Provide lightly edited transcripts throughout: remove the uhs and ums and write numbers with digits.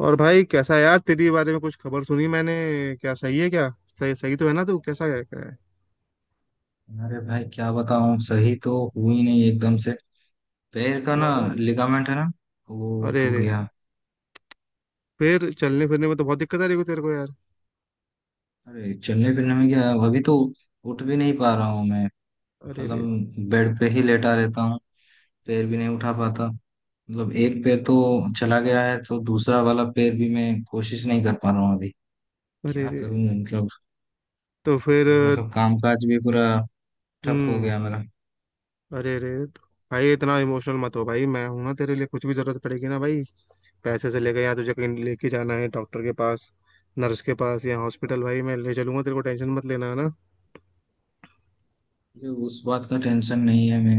और भाई कैसा है यार, तेरी बारे में कुछ खबर सुनी मैंने। क्या सही है क्या? सही सही तो है ना, तू कैसा है, क्या है? अरे भाई, क्या बताऊं। सही तो हुई नहीं एकदम से। पैर का क्या ना, हो गया? लिगामेंट है ना, वो अरे टूट रे। गया। फिर चलने फिरने में तो बहुत दिक्कत आ रही होगी तेरे को यार। अरे चलने फिरने में क्या, अभी तो उठ भी नहीं पा रहा हूँ मैं। अरे रे। मतलब बेड पे ही लेटा रहता हूँ। पैर भी नहीं उठा पाता। मतलब एक पैर तो चला गया है, तो दूसरा वाला पैर भी मैं कोशिश नहीं कर पा रहा हूँ अभी। अरे क्या रे, करूँ मतलब। तो फिर। अभी मतलब कामकाज भी पूरा ठप हो हम्म। गया मेरा। अरे रे, तो भाई इतना इमोशनल मत हो भाई, मैं हूं ना तेरे लिए, कुछ भी जरूरत पड़ेगी ना भाई, पैसे से लेके, यहाँ तुझे कहीं लेके जाना है डॉक्टर के पास, नर्स के पास या हॉस्पिटल, भाई मैं ले चलूंगा तेरे को, टेंशन मत लेना, है ना। अभी उस बात का टेंशन नहीं है। मैं,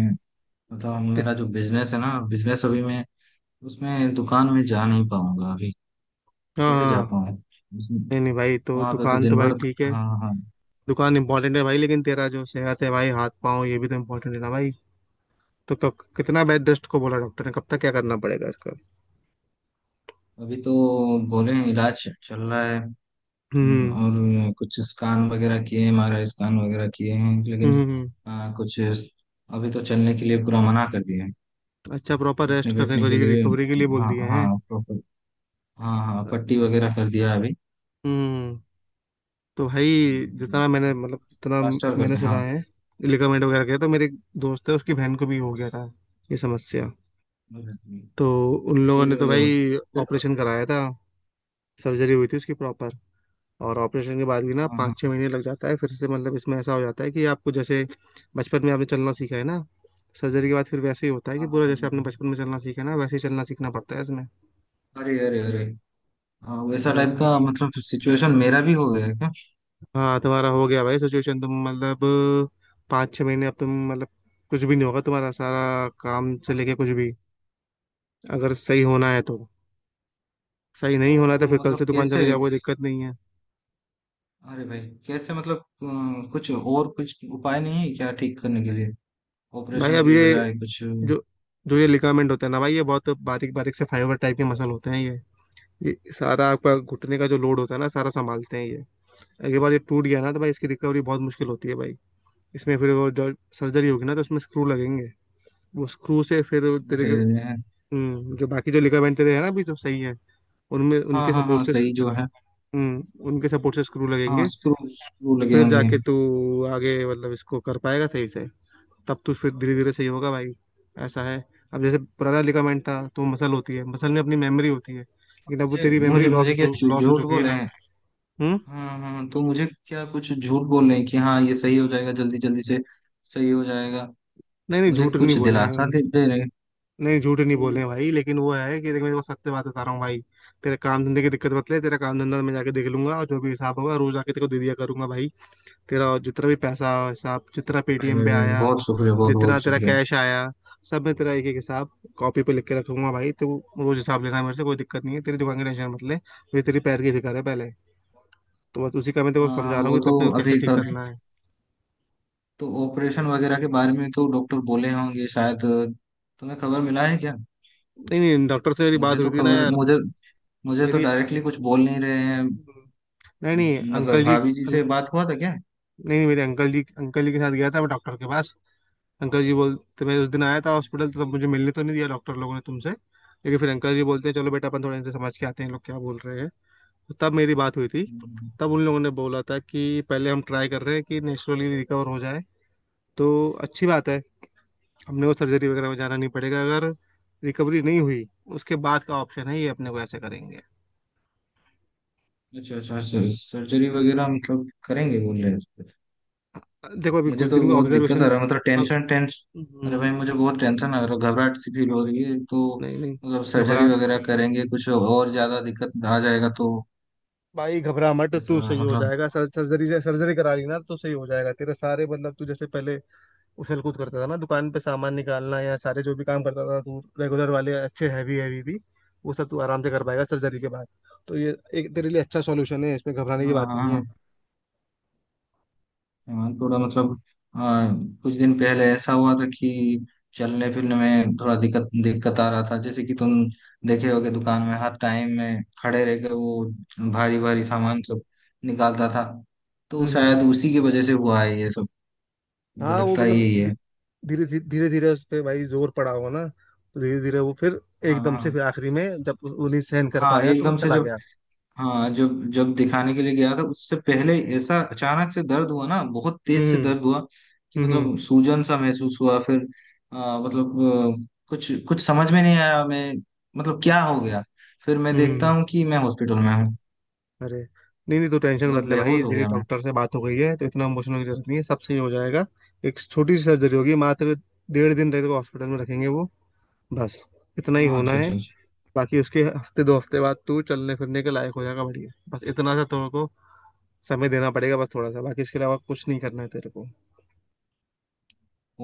मतलब तो मेरा जो बिजनेस है ना, बिजनेस अभी मैं उसमें दुकान में जा नहीं पाऊंगा अभी। हाँ कैसे जा हाँ, पाऊँ। नहीं नहीं भाई, तो वहां पे तो दुकान दिन तो भाई भर। ठीक है, हाँ हाँ। दुकान इंपॉर्टेंट है भाई, लेकिन तेरा जो सेहत है भाई, हाथ पाँव, ये भी तो इम्पोर्टेंट है ना भाई। तो कब, कितना बेड रेस्ट को बोला डॉक्टर ने, कब तक क्या करना पड़ेगा इसका? अभी तो बोले हैं, इलाज चल रहा है। हम्म और कुछ स्कैन वगैरह किए, एम आर आई स्कैन वगैरह किए हैं, लेकिन हम्म। हम्म। हम्म। कुछ अभी तो चलने के लिए पूरा मना कर दिया है। अच्छा, प्रॉपर रेस्ट उठने करने बैठने को के लिए। रिकवरी के लिए बोल हाँ दिए हैं। हाँ, प्रॉपर। हाँ हाँ, पट्टी वगैरह कर दिया है अभी हम्म। तो भाई जो। जितना मैंने मतलब जितना प्लास्टर कर मैंने दिया सुना हाँ। है, लिगामेंट वगैरह गया, तो मेरे दोस्त है, उसकी बहन को भी हो गया था ये समस्या, तो उन लोगों फिर ने तो भाई फिर। ऑपरेशन कराया था, सर्जरी हुई थी उसकी प्रॉपर। और ऑपरेशन के बाद भी ना हाँ पाँच छः हाँ महीने लग जाता है फिर से, मतलब इसमें ऐसा हो जाता है कि आपको जैसे बचपन में आपने चलना सीखा है ना, सर्जरी के बाद फिर वैसे ही होता है कि हाँ, हाँ पूरा जैसे आपने हाँ। बचपन में चलना सीखा है ना, वैसे ही चलना सीखना पड़ता है इसमें। अरे अरे अरे। हाँ, वैसा टाइप हम्म। का मतलब सिचुएशन मेरा भी हो गया है क्या? हाँ, तुम्हारा हो गया भाई सिचुएशन, तुम मतलब 5-6 महीने अब तुम मतलब कुछ भी नहीं होगा, तुम्हारा सारा काम से लेके कुछ भी, अगर सही होना है तो। सही नहीं होना है तो तो फिर कल मतलब से दुकान कैसे? चले जाओ, कोई दिक्कत नहीं है। अरे भाई, कैसे? मतलब कुछ और कुछ उपाय नहीं है क्या ठीक करने के लिए? भाई ऑपरेशन अब के ये बजाय कुछ? अरे। जो, जो ये लिगामेंट होता है ना भाई, ये बहुत बारीक बारीक से फाइबर टाइप के मसल होते हैं ये। ये सारा आपका घुटने का जो लोड होता है ना, सारा संभालते हैं ये। अगली बार ये टूट गया ना, तो भाई इसकी रिकवरी बहुत मुश्किल होती है भाई। इसमें फिर वो जो सर्जरी होगी ना, तो उसमें स्क्रू लगेंगे। वो स्क्रू से फिर तेरे के, जो बाकी जो लिगामेंट तेरे है ना अभी जो सही है, उनमें हाँ उनके हाँ हाँ, सपोर्ट से, सही जो है। उनके सपोर्ट से स्क्रू हाँ, लगेंगे। स्क्रू स्क्रू फिर लगेंगे। जाके तू आगे मतलब इसको कर पाएगा सही से। तब तू फिर धीरे धीरे सही होगा भाई। ऐसा है, अब जैसे पुराना लिगामेंट था, तो मसल होती है, मसल में अपनी मेमोरी होती है, लेकिन अब वो मुझे तेरी मेमोरी मुझे लॉस मुझे हो क्या चु लॉस हो झूठ चुकी है बोले ना। हैं? हम्म? हाँ हाँ, तो मुझे क्या कुछ झूठ बोल रहे हैं कि हाँ ये सही हो जाएगा जल्दी जल्दी से? सही हो जाएगा। नहीं नहीं, मुझे झूठ नहीं कुछ बोले दिलासा हैं। दे रहे हैं नहीं, झूठ नहीं तो? बोले हैं भाई, लेकिन वो है कि देख, मैं तेरे को सत्य बात बता रहा हूँ भाई। तेरे काम धंधे की दिक्कत मत ले, तेरा काम धंधा मैं जाके देख लूंगा, और जो भी हिसाब होगा रोज आके तेरे को दे दिया करूंगा भाई। तेरा जितना भी पैसा हिसाब, जितना भाई पेटीएम भाई पे भाई, आया, बहुत शुक्रिया, बहुत जितना बहुत तेरा शुक्रिया। कैश आया, सब मैं तेरा एक एक हिसाब कॉपी पे लिख के रखूंगा भाई। तो रोज हिसाब लेना मेरे से, कोई दिक्कत नहीं है। तेरी दुकान की टेंशन मत ले, मुझे तेरी पैर की फिक्र है पहले। तो बस उसी का मैं तेरे को हाँ हाँ, समझा रहा हूँ वो कि तो तो अपने को कैसे अभी ठीक कर। करना है। तो ऑपरेशन वगैरह के बारे में तो डॉक्टर बोले होंगे शायद, तुम्हें खबर मिला है क्या? नहीं नहीं, डॉक्टर से मेरी बात हुई थी ना यार। मुझे मुझे तो मेरी, डायरेक्टली कुछ बोल नहीं रहे हैं। नहीं नहीं, अंकल मतलब जी, भाभी जी से बात हुआ था क्या? नहीं, मेरे अंकल जी, अंकल जी के साथ गया था मैं डॉक्टर के पास। अंकल जी बोलते, मैं उस दिन आया था हॉस्पिटल, तो तब मुझे मिलने तो नहीं दिया डॉक्टर लोगों ने तुमसे, लेकिन फिर अंकल जी बोलते हैं चलो बेटा अपन थोड़ा इनसे समझ के आते हैं ये लोग क्या बोल रहे हैं। तो तब मेरी बात हुई थी। तब उन लोगों ने बोला था कि पहले हम ट्राई कर रहे हैं कि नेचुरली रिकवर हो जाए, तो अच्छी बात है, हमने वो सर्जरी वगैरह में जाना नहीं पड़ेगा। अगर रिकवरी नहीं हुई, उसके बाद का ऑप्शन है ये, अपने को ऐसे करेंगे। अच्छा अच्छा, सर्जरी वगैरह मतलब करेंगे बोल रहे हैं? देखो अभी मुझे कुछ तो दिन में बहुत दिक्कत आ ऑब्जर्वेशन। रहा है, मतलब टेंशन, टेंस। अरे भाई, नहीं मुझे बहुत टेंशन आ रहा है, घबराहट सी फील हो रही है तो। नहीं। मतलब सर्जरी घबरा, वगैरह करेंगे, कुछ और ज्यादा दिक्कत आ जाएगा तो? भाई घबरा मत तू, ऐसा सही हो मतलब। जाएगा। सर्जरी से, सर्जरी करा ली ना, तो सही हो जाएगा। तेरे सारे मतलब तू जैसे पहले उछल कूद करता था ना दुकान पे, सामान निकालना या सारे जो भी काम करता था तू रेगुलर वाले, अच्छे हैवी हैवी भी, वो सब तू आराम से कर पाएगा सर्जरी के बाद। तो ये एक तेरे लिए अच्छा सॉल्यूशन है, इसमें घबराने की हाँ बात हाँ नहीं है। हाँ। हाँ, थोड़ा मतलब। हाँ, कुछ दिन पहले ऐसा हुआ था कि चलने फिरने में थोड़ा दिक्कत दिक्कत आ रहा था, जैसे कि तुम देखे होगे, दुकान में हर टाइम में खड़े रह के वो भारी भारी सामान सब निकालता था। तो हम्म। शायद उसी की वजह से हुआ है ये सब। मुझे हाँ, वो लगता है मतलब यही है। धीरे धीरे उस पर भाई जोर पड़ा हो ना, तो धीरे धीरे वो फिर हाँ एकदम से हाँ फिर आखिरी में जब उन्हें सहन कर हाँ, पाया तो वो एकदम से चला जब। गया। हाँ, जब जब दिखाने के लिए गया था, उससे पहले ऐसा अचानक से दर्द हुआ ना, बहुत तेज से हम्म। दर्द हुआ कि हम्म। मतलब सूजन सा महसूस हुआ फिर। मतलब कुछ कुछ समझ में नहीं आया मैं, मतलब क्या हो गया। फिर मैं देखता हम्म। हूँ कि मैं हॉस्पिटल में हूँ, अरे, नहीं नहीं, तो टेंशन मत मतलब ले भाई, बेहोश हो मेरी गया मैं। डॉक्टर से बात हो गई है, तो इतना इमोशनल होने की जरूरत नहीं है, सब सही हो जाएगा। एक छोटी सी सर्जरी होगी मात्र। 1.5 दिन तेरे को हॉस्पिटल में रखेंगे वो, बस इतना ही हाँ, होना अच्छा है। अच्छा अच्छा। बाकी उसके हफ्ते 2 हफ्ते बाद तू चलने फिरने के लायक हो जाएगा, बढ़िया। बस इतना सा तेरे को समय देना पड़ेगा, बस थोड़ा सा, बाकी इसके अलावा कुछ नहीं करना है तेरे को।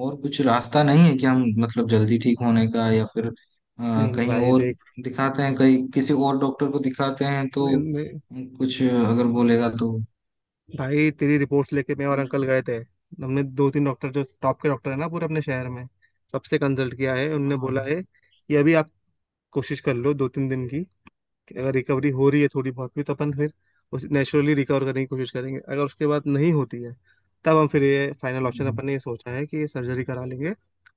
और कुछ रास्ता नहीं है कि हम मतलब जल्दी ठीक होने का, या फिर नहीं नहीं कहीं भाई, और देख, दिखाते हैं, कहीं किसी और डॉक्टर को दिखाते हैं तो नहीं, नहीं, कुछ अगर बोलेगा तो भाई तेरी रिपोर्ट्स लेके मैं और कुछ। अंकल गए थे। हमने दो तीन डॉक्टर जो टॉप के डॉक्टर है ना पूरे अपने शहर में, सबसे कंसल्ट किया है, उनने हाँ, बोला है कि अभी आप कोशिश कर लो 2-3 दिन की, कि अगर रिकवरी हो रही है थोड़ी बहुत भी तो अपन फिर उस नेचुरली रिकवर करने की कोशिश करेंगे। अगर उसके बाद नहीं होती है, तब हम फिर ये फाइनल ऑप्शन अपन ने ये सोचा है कि सर्जरी करा लेंगे,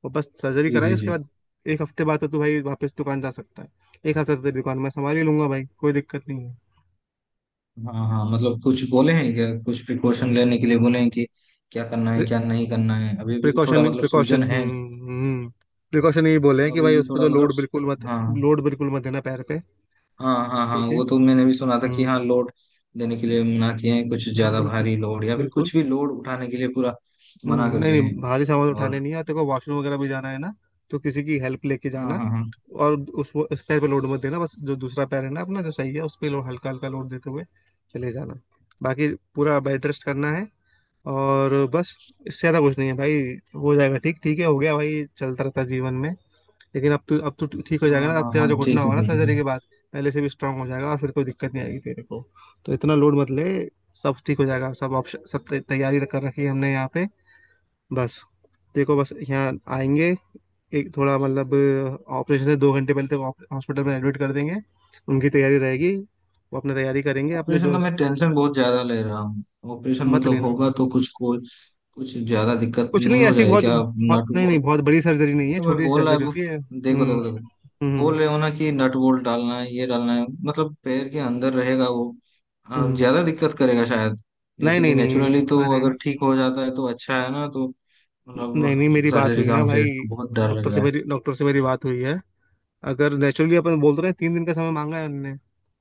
और बस सर्जरी जी कराई जी उसके जी। बाद, 1 हफ्ते बाद तो तू भाई वापस दुकान जा सकता है। 1 हफ्ते तो तेरी दुकान मैं संभाल ही लूंगा भाई, कोई दिक्कत नहीं है। हाँ हाँ, मतलब कुछ बोले हैं क्या, कुछ प्रिकॉशन लेने के लिए बोले हैं कि क्या करना है क्या नहीं करना है। अभी भी थोड़ा प्रिकॉशन, मतलब प्रिकॉशन। सूजन है। हम्म। प्रिकॉशन ये बोले हैं कि अभी भाई भी उस पर थोड़ा तो मतलब। लोड बिल्कुल मत, हाँ लोड बिल्कुल मत देना पैर पे। हाँ हाँ। हाँ ठीक है। वो तो मैंने भी सुना था कि हम्म। हाँ, लोड देने के लिए मना किए हैं, कुछ हाँ ज्यादा बिल्कुल, भारी लोड या फिर बिल्कुल। कुछ भी लोड उठाने के लिए पूरा मना कर नहीं दिए हैं। नहीं, भारी सामान उठाने और नहीं है, और तेरे को वॉशरूम वगैरह भी जाना है ना, तो किसी की हेल्प लेके हाँ जाना। हाँ हाँ, और उस पैर पे लोड मत देना, बस जो दूसरा पैर है ना अपना जो सही है उस पे हल्का हल्का लोड देते हुए चले जाना। बाकी पूरा बेड रेस्ट करना है, और बस इससे ज्यादा कुछ नहीं है भाई। हो जाएगा ठीक, ठीक है, हो गया भाई, चलता रहता है जीवन में। लेकिन अब तू, अब तू ठीक हो जाएगा हाँ ना, अब हाँ तेरा हाँ, जो घुटना ठीक है होगा ना ठीक है ठीक सर्जरी है। के बाद, पहले से भी स्ट्रांग हो जाएगा और फिर कोई दिक्कत नहीं आएगी तेरे को। तो इतना लोड मत ले, सब ठीक हो जाएगा। सब ऑप्शन, सब तैयारी कर रखी है हमने यहाँ पे, बस। देखो, बस यहाँ आएंगे, एक थोड़ा मतलब, ऑपरेशन से 2 घंटे पहले तक हॉस्पिटल में एडमिट कर देंगे, उनकी तैयारी रहेगी, वो अपने तैयारी करेंगे अपने ऑपरेशन जो। का मैं टेंशन बहुत ज्यादा ले रहा हूँ। ऑपरेशन मत मतलब लेना। होगा तो कुछ को कुछ ज्यादा दिक्कत कुछ नहीं नहीं हो ऐसी जाए बहुत क्या? बहुत, नाटू नहीं को, नहीं, बहुत बड़ी सर्जरी नहीं है, तो मैं छोटी सी बोल रहा है सर्जरी बोल। होती है। देखो हम्म। देखो देखो, हम्म। बोल रहे हो ना कि नट बोल्ट डालना है, ये डालना है, मतलब पैर के अंदर रहेगा वो। हम्म। ज्यादा दिक्कत करेगा शायद। नहीं जैसे कि नहीं नेचुरली नहीं। तो अरे, अगर ठीक हो जाता है तो अच्छा है ना तो। नहीं नहीं, मतलब मेरी बात सर्जरी हुई का ना मुझे भाई बहुत डर लग डॉक्टर से, रहा है। मेरी डॉक्टर से मेरी बात हुई है। अगर नेचुरली अपन बोल तो रहे हैं, 3 दिन का समय मांगा है उनने,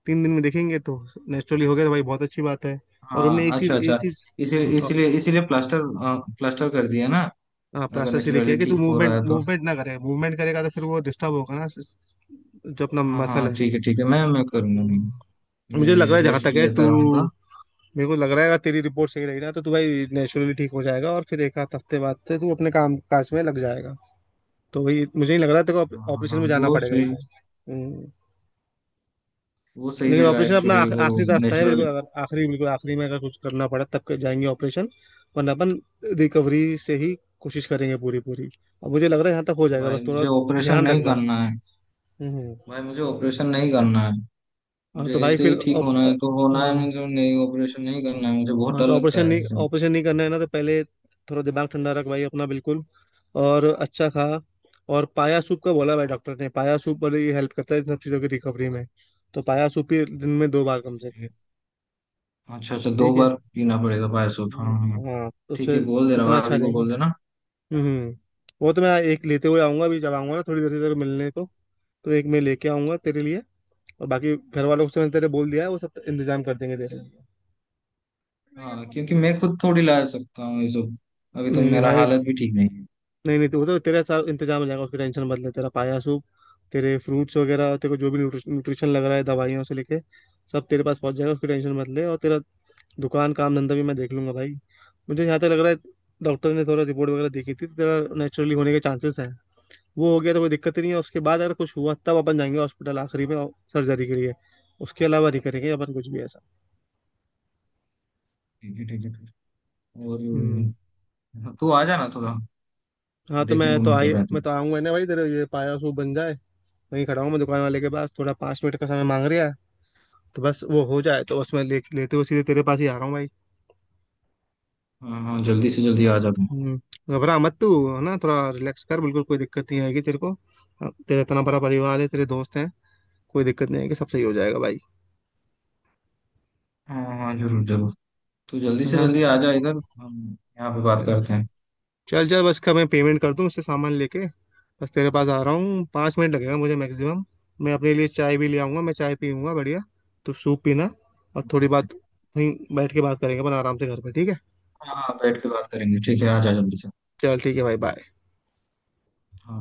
3 दिन में देखेंगे तो नेचुरली हो गया तो भाई बहुत अच्छी बात है। और उनने हाँ, एक चीज, अच्छा एक अच्छा। चीज, इसीलिए प्लास्टर कर दिया ना? हाँ, अगर प्लास्टर से लेके नेचुरली है कि तू ठीक हो रहा मूवमेंट है तो। मूवमेंट ना करे, मूवमेंट करेगा तो फिर वो डिस्टर्ब होगा ना, जो अपना हाँ हाँ मसल हाँ, है। ठीक है ठीक है, मैं करूँगा नहीं। हम्म। मुझे लग रहा मैं है जहाँ रेस्ट तक है, तू, लेता रहूंगा। मेरे को लग रहा है अगर तेरी रिपोर्ट सही रही ना तो तू भाई नेचुरली ठीक हो जाएगा, और फिर एक आध हफ्ते बाद से तू अपने काम काज में लग जाएगा। तो वही, मुझे नहीं लग रहा तेरे को हाँ हाँ ऑपरेशन हाँ, में जाना पड़ेगा, एकदम। हम्म। वो सही लेकिन रहेगा ऑपरेशन अपना एक्चुअली, वो आखिरी रास्ता है नेचुरल। बिल्कुल, अगर आखिरी बिल्कुल आखिरी में अगर कुछ करना पड़ा तब के जाएंगे ऑपरेशन, वरना अपन रिकवरी से ही कोशिश करेंगे पूरी पूरी। अब मुझे लग रहा है यहाँ तक हो जाएगा, बस भाई, थोड़ा मुझे ऑपरेशन ध्यान रख नहीं बस। करना है। हम्म। भाई, मुझे ऑपरेशन नहीं करना है। हाँ मुझे तो भाई ऐसे फिर ही ठीक होना है तो होना है, हाँ, मुझे नहीं, ऑपरेशन नहीं करना है, मुझे बहुत हाँ डर तो लगता ऑपरेशन है नहीं, इससे। ऑपरेशन नहीं करना है ना, तो पहले थोड़ा दिमाग ठंडा रख भाई अपना बिल्कुल, और अच्छा खा। और पाया सूप का बोला भाई डॉक्टर ने, पाया सूप वाले ये हेल्प करता है इन सब चीज़ों की रिकवरी में, तो पाया सूप ही दिन में 2 बार कम से कम। अच्छा अच्छा, दो ठीक है। बार पीना पड़ेगा पायसो, हाँ। हाँ हाँ। हाँ, तो ठीक उससे है, बोल देना उतना अच्छा भाभी को, रहेगा। बोल देना। हम्म। वो तो मैं एक लेते हुए आऊंगा अभी, जब आऊंगा ना थोड़ी देर से तेरे को मिलने को, तो एक मैं लेके आऊंगा तेरे लिए, और बाकी घर वालों से मैंने तेरे बोल दिया है, वो सब इंतजाम कर देंगे तेरे लिए। हाँ, क्योंकि मैं खुद थोड़ी ला सकता हूँ ये सब, अभी तो नहीं नहीं मेरा भाई, हालत भी ठीक नहीं है। नहीं नहीं, तो वो तो तेरा सारा इंतजाम हो जाएगा, उसकी टेंशन मत ले। तेरा पाया सूप, तेरे फ्रूट्स वगैरह, तेरे को जो भी न्यूट्रिशन लग रहा है दवाइयों से लेके, सब तेरे पास पहुंच जाएगा, उसकी टेंशन मत ले, और तेरा दुकान काम धंधा भी मैं देख लूंगा भाई। मुझे यहाँ तक लग रहा है, डॉक्टर ने थोड़ा रिपोर्ट वगैरह देखी थी तो तेरा नेचुरली होने के चांसेस हैं। वो हो गया तो कोई दिक्कत ही नहीं है। उसके बाद अगर कुछ हुआ तब अपन जाएंगे हॉस्पिटल आखिरी में, सर्जरी के लिए। उसके अलावा नहीं करेंगे अपन कुछ भी ऐसा। ठीक है ठीक है ठीक है। और हम्म। हाँ, तू आ जाना थोड़ा, हाँ तो देखने को मन कर रहा है मैं तू। तो आऊंगा ना भाई तेरे, ये पाया सूप बन जाए। वहीं खड़ा हूँ मैं दुकान वाले के पास, थोड़ा 5 मिनट का समय मांग रहा है, तो बस वो हो जाए, तो बस मैं लेते हुए सीधे तेरे पास ही आ रहा हूँ भाई। हाँ हाँ, जल्दी से जल्दी आ जा तू। हम्म, घबरा मत तू, है ना, थोड़ा रिलैक्स कर बिल्कुल, कोई दिक्कत नहीं आएगी तेरे को। अब तेरा इतना बड़ा परिवार है, तेरे दोस्त हैं, कोई दिक्कत नहीं आएगी, सब सही हो जाएगा भाई। हाँ हाँ, जरूर जरूर, तू जल्दी है से ना, जल्दी आ जा इधर। हम यहाँ पे बात चल। करते चल चल, बस का मैं पेमेंट कर दूँ, उससे सामान लेके बस तेरे पास आ रहा हूँ, 5 मिनट लगेगा मुझे मैक्सिमम। मैं अपने लिए चाय भी ले आऊँगा, मैं चाय पीऊँगा बढ़िया, तू सूप पीना, और थोड़ी हैं। बात वहीं बैठ के बात करेंगे अपन आराम से घर पे, ठीक है। हाँ हाँ, बैठ के बात करेंगे, ठीक है, आ जा जल्दी से। चल ठीक है भाई, बाय। हाँ।